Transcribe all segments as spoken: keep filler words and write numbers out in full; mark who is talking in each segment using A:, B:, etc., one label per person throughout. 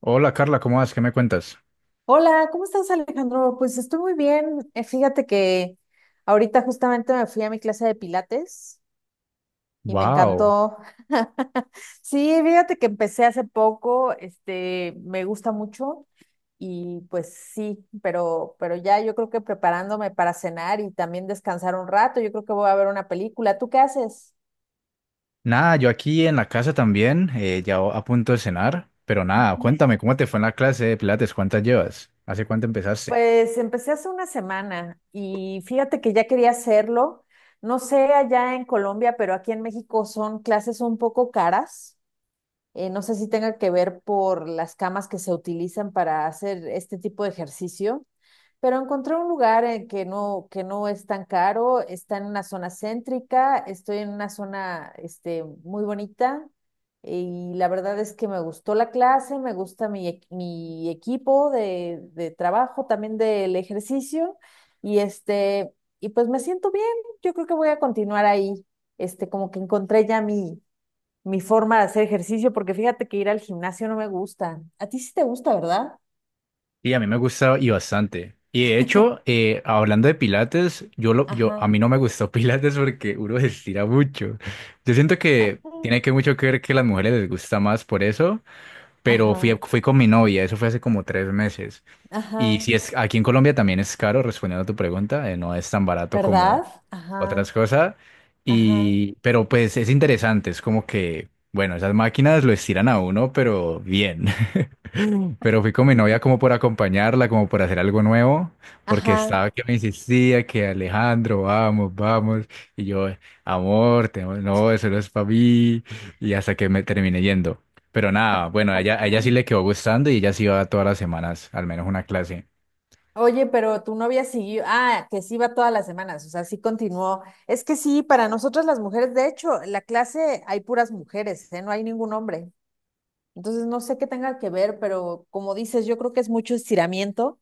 A: Hola Carla, ¿cómo vas? ¿Qué me cuentas?
B: Hola, ¿cómo estás, Alejandro? Pues estoy muy bien. Eh, Fíjate que ahorita justamente me fui a mi clase de pilates y me
A: Wow.
B: encantó. Sí, fíjate que empecé hace poco, este, me gusta mucho y pues sí, pero, pero ya yo creo que preparándome para cenar y también descansar un rato, yo creo que voy a ver una película. ¿Tú qué haces?
A: Nada, yo aquí en la casa también, eh, ya a punto de cenar, pero nada, cuéntame, ¿cómo te fue en la clase de Pilates? ¿Cuántas llevas? ¿Hace cuánto empezaste?
B: Pues empecé hace una semana y fíjate que ya quería hacerlo. No sé allá en Colombia, pero aquí en México son clases un poco caras. Eh, no sé si tenga que ver por las camas que se utilizan para hacer este tipo de ejercicio. Pero encontré un lugar en que no, que no es tan caro, está en una zona céntrica, estoy en una zona este, muy bonita, y la verdad es que me gustó la clase, me gusta mi, equ- mi equipo de, de trabajo, también del ejercicio y, este, y pues me siento bien, yo creo que voy a continuar ahí, este, como que encontré ya mi, mi forma de hacer ejercicio porque fíjate que ir al gimnasio no me gusta. A ti sí te gusta, ¿verdad?
A: Y a mí me gustó y bastante. Y de hecho, eh, hablando de Pilates, yo lo, yo, a
B: Ajá.
A: mí no me gustó Pilates porque uno se estira mucho. Yo siento que tiene que mucho que ver que a las mujeres les gusta más por eso, pero
B: Ajá.
A: fui, fui con mi novia, eso fue hace como tres meses. Y
B: Ajá,
A: si es aquí en Colombia también es caro, respondiendo a tu pregunta, eh, no es tan barato como
B: ¿verdad? Ajá,
A: otras cosas.
B: ajá,
A: Y pero pues es interesante, es como que, bueno, esas máquinas lo estiran a uno, pero bien. Pero fui con mi novia como por acompañarla, como por hacer algo nuevo, porque estaba
B: ajá.
A: que me insistía que Alejandro, vamos, vamos. Y yo, amor, te- no, eso no es para mí. Y hasta que me terminé yendo. Pero nada, bueno, a ella, a ella sí le quedó gustando y ella sí iba todas las semanas, al menos una clase.
B: Oye, pero tu novia siguió, ah, que sí va todas las semanas, o sea, sí continuó. Es que sí, para nosotras las mujeres, de hecho, en la clase hay puras mujeres, ¿eh? No hay ningún hombre. Entonces, no sé qué tenga que ver, pero como dices, yo creo que es mucho estiramiento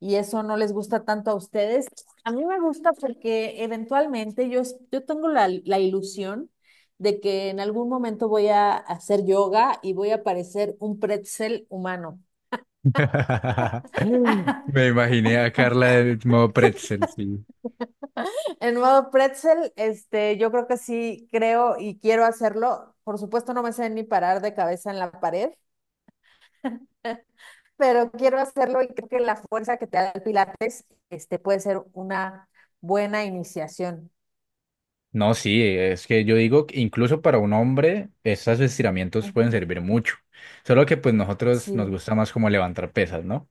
B: y eso no les gusta tanto a ustedes. A mí me gusta porque eventualmente yo, yo tengo la, la ilusión de que en algún momento voy a hacer yoga y voy a parecer un pretzel humano.
A: Me imaginé a Carla en modo pretzel, sí.
B: En modo pretzel, este, yo creo que sí creo y quiero hacerlo. Por supuesto, no me sé ni parar de cabeza en la pared, pero quiero hacerlo y creo que la fuerza que te da el pilates este puede ser una buena iniciación.
A: No, sí, es que yo digo que incluso para un hombre esos estiramientos pueden
B: Ujú.
A: servir mucho. Solo que pues nosotros
B: Sí,
A: nos gusta más como levantar pesas, ¿no?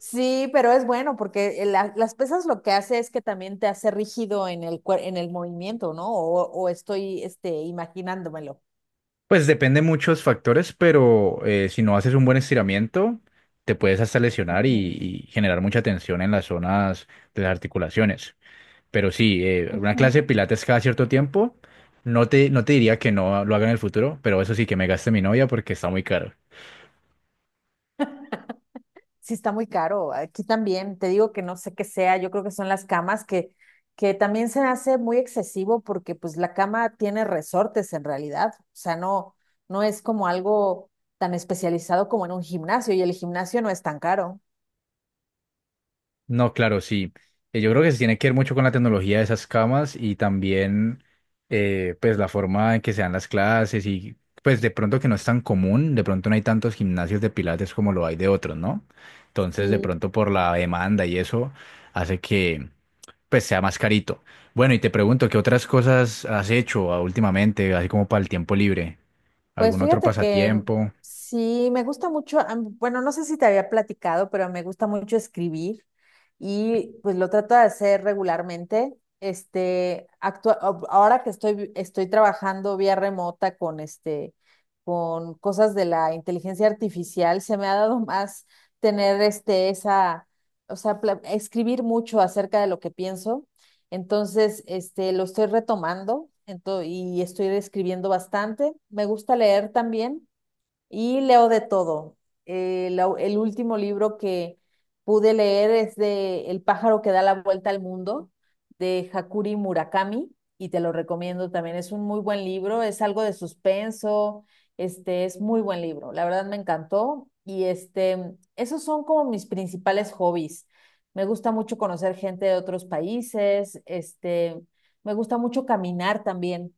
B: sí, pero es bueno porque el- la- las pesas lo que hace es que también te hace rígido en el, cuer- en el movimiento, ¿no? O, o estoy este, imaginándomelo.
A: Pues depende muchos factores, pero eh, si no haces un buen estiramiento, te puedes hasta lesionar y,
B: Ujú,
A: y generar mucha tensión en las zonas de las articulaciones. Pero sí, eh, una
B: ujú.
A: clase de pilates cada cierto tiempo. No te, no te diría que no lo haga en el futuro, pero eso sí que me gaste mi novia porque está muy caro.
B: Sí, está muy caro. Aquí también, te digo que no sé qué sea, yo creo que son las camas que, que también se hace muy excesivo porque pues la cama tiene resortes en realidad. O sea, no, no es como algo tan especializado como en un gimnasio y el gimnasio no es tan caro.
A: No, claro, sí. Eh, Yo creo que se tiene que ver mucho con la tecnología de esas camas y también eh, pues la forma en que se dan las clases y pues de pronto que no es tan común, de pronto no hay tantos gimnasios de pilates como lo hay de otros, ¿no? Entonces de
B: Sí.
A: pronto por la demanda y eso hace que, pues sea más carito. Bueno, y te pregunto, ¿qué otras cosas has hecho ah, últimamente, así como para el tiempo libre?
B: Pues
A: ¿Algún otro
B: fíjate que
A: pasatiempo?
B: sí, me gusta mucho, am- bueno, no sé si te había platicado, pero me gusta mucho escribir y pues lo trato de hacer regularmente. Este, actua- ab- ahora que estoy, vi- estoy trabajando vía remota con este, con cosas de la inteligencia artificial, se me ha dado más tener este, esa, o sea, pla- escribir mucho acerca de lo que pienso. Entonces, este, lo estoy retomando ento- y estoy escribiendo bastante. Me gusta leer también. Y leo de todo. Eh, la- el último libro que pude leer es de El pájaro que da la vuelta al mundo, de Hakuri Murakami, y te lo recomiendo también. Es un muy buen libro, es algo de suspenso, este es muy buen libro. La verdad me encantó. Y este, esos son como mis principales hobbies. Me gusta mucho conocer gente de otros países, este, me gusta mucho caminar también.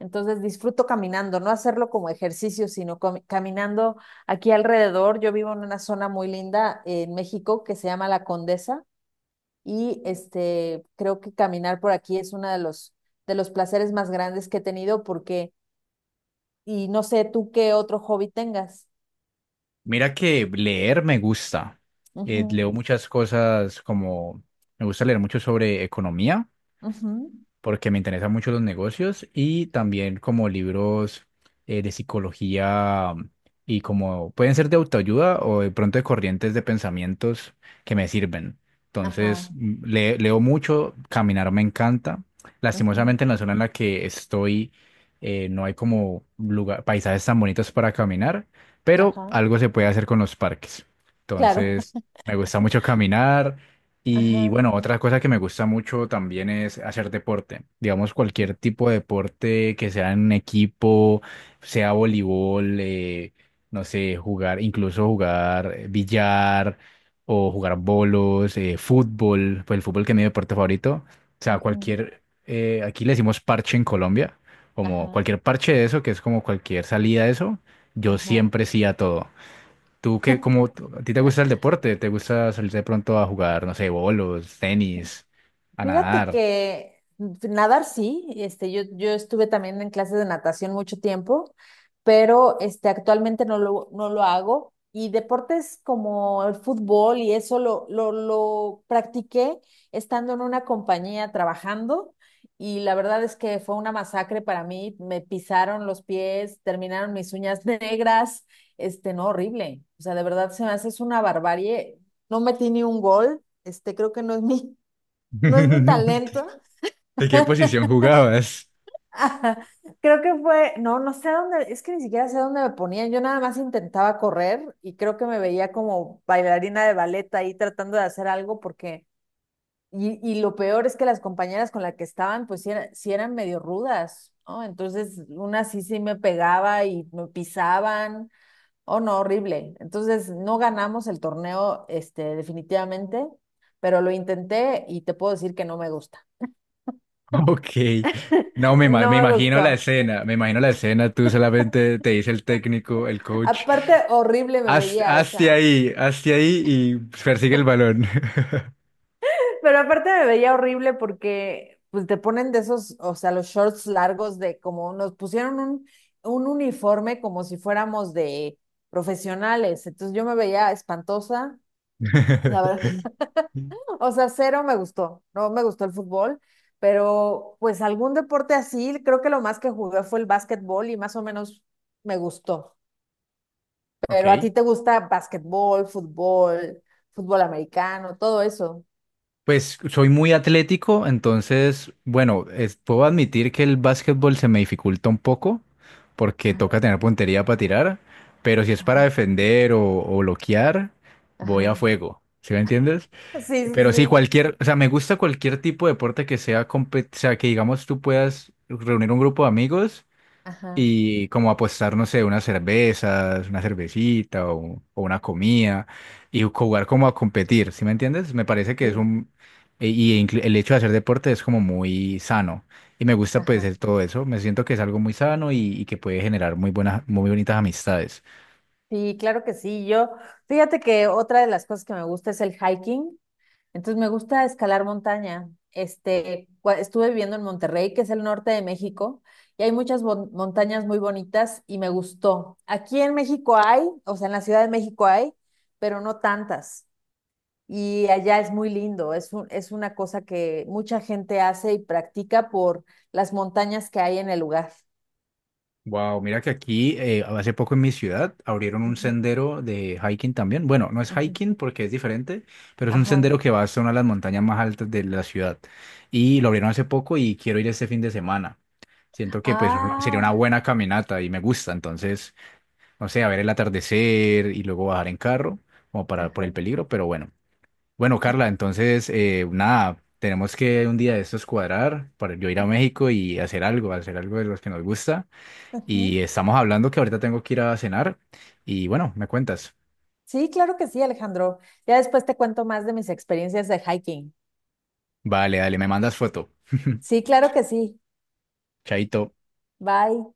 B: Entonces disfruto caminando, no hacerlo como ejercicio, sino cami- caminando aquí alrededor. Yo vivo en una zona muy linda en México que se llama La Condesa y este creo que caminar por aquí es uno de los de los placeres más grandes que he tenido porque y no sé tú qué otro hobby tengas.
A: Mira que leer me gusta. Eh,
B: Ujú,
A: leo muchas cosas como, me gusta leer mucho sobre economía,
B: ujú,
A: porque me interesan mucho los negocios y también como libros eh, de psicología mm, y como pueden ser de autoayuda o de pronto de corrientes de pensamientos que me sirven. Entonces,
B: ajá,
A: m- le- leo mucho, caminar me encanta.
B: ujú,
A: Lastimosamente en la zona en la que estoy eh, no hay como lugar, paisajes tan bonitos para caminar, pero
B: ajá,
A: algo se puede hacer con los parques.
B: claro.
A: Entonces, me gusta mucho caminar. Y
B: Ajá,
A: bueno, otra cosa que me gusta mucho también es hacer deporte. Digamos, cualquier tipo de deporte que sea en un equipo, sea voleibol, eh, no sé, jugar, incluso jugar eh, billar o jugar bolos, eh, fútbol, pues el fútbol que es mi deporte favorito. O sea,
B: ujú,
A: cualquier, eh, aquí le decimos parche en Colombia, como
B: ajá,
A: cualquier parche de eso, que es como cualquier salida de eso, yo
B: ajá.
A: siempre sí a todo. ¿Tú qué, como, a ti te gusta el deporte? ¿Te gusta salir de pronto a jugar, no sé, bolos, tenis, a
B: Fíjate
A: nadar?
B: que nadar sí, este, yo, yo estuve también en clases de natación mucho tiempo, pero este, actualmente no lo, no lo hago. Y deportes como el fútbol y eso lo, lo, lo practiqué estando en una compañía trabajando y la verdad es que fue una masacre para mí. Me pisaron los pies, terminaron mis uñas negras, este, no, horrible. O sea, de verdad se me hace es una barbarie. No metí ni un gol, este, creo que no es mi no es mi talento.
A: ¿De qué posición jugabas?
B: Ajá. Creo que fue, no, no sé a dónde, es que ni siquiera sé a dónde me ponían. Yo nada más intentaba correr y creo que me veía como bailarina de ballet ahí tratando de hacer algo porque, y, y lo peor es que las compañeras con las que estaban, pues sí, era- sí eran medio rudas, ¿no? Entonces, una sí sí me pegaba y me pisaban. Oh, no, horrible. Entonces, no ganamos el torneo, este, definitivamente, pero lo intenté y te puedo decir que no me gusta.
A: Ok. No, me, ima-
B: No
A: me
B: me
A: imagino la
B: gustó.
A: escena, me imagino la escena, tú solamente te dice el técnico, el coach,
B: Aparte, horrible me
A: haz,
B: veía, o
A: hazte
B: sea.
A: ahí, hazte ahí y persigue el balón.
B: Pero aparte me veía horrible porque pues te ponen de esos, o sea, los shorts largos de como nos pusieron un, un uniforme como si fuéramos de profesionales. Entonces yo me veía espantosa. La verdad, o sea, cero me gustó. No me gustó el fútbol, pero pues algún deporte así, creo que lo más que jugué fue el básquetbol y más o menos me gustó. Pero a
A: Ok.
B: ti te gusta básquetbol, fútbol, fútbol americano, todo eso.
A: Pues soy muy atlético, entonces, bueno, es- puedo admitir que el básquetbol se me dificulta un poco porque toca tener puntería para tirar, pero si es
B: Ajá,
A: para defender o, o bloquear, voy a
B: ajá.
A: fuego, ¿sí me entiendes?
B: Sí, sí,
A: Pero sí,
B: sí.
A: cualquier, o sea, me gusta cualquier tipo de deporte que sea, compe- o sea, que digamos tú puedas reunir un grupo de amigos
B: Ajá,
A: y como apostar, no sé, unas cervezas, una cervecita o, o una comida y jugar como a competir, ¿sí me entiendes? Me parece que es
B: sí,
A: un... e- Y inclu- el hecho de hacer deporte es como muy sano y me gusta pues
B: ajá.
A: el- todo eso, me siento que es algo muy sano y, y que puede generar muy buenas, muy bonitas amistades.
B: Sí, claro que sí. Yo, fíjate que otra de las cosas que me gusta es el hiking. Entonces me gusta escalar montaña. Este, cua- estuve viviendo en Monterrey, que es el norte de México, y hay muchas bon- montañas muy bonitas y me gustó. Aquí en México hay, o sea, en la Ciudad de México hay, pero no tantas. Y allá es muy lindo. Es un- es una cosa que mucha gente hace y practica por las montañas que hay en el lugar.
A: Wow, mira que aquí eh, hace poco en mi ciudad abrieron un sendero de hiking también. Bueno, no es
B: Ujú.
A: hiking porque es diferente, pero es un sendero
B: Ajá.
A: que va hasta una de las montañas más altas de la ciudad. Y lo abrieron hace poco y quiero ir este fin de semana. Siento que pues una- sería una
B: Ah,
A: buena caminata y me gusta. Entonces, no sé, a ver el atardecer y luego bajar en carro, como para por el
B: ajá.
A: peligro, pero bueno. Bueno, Carla, entonces, eh, nada, tenemos que un día de estos cuadrar para yo ir a México y hacer algo, hacer algo de los que nos gusta. Y
B: Ujú.
A: estamos hablando que ahorita tengo que ir a cenar. Y bueno, me cuentas.
B: Sí, claro que sí, Alejandro. Ya después te cuento más de mis experiencias de hiking.
A: Vale, dale, me mandas foto.
B: Sí, claro que sí.
A: Chaito.
B: Bye.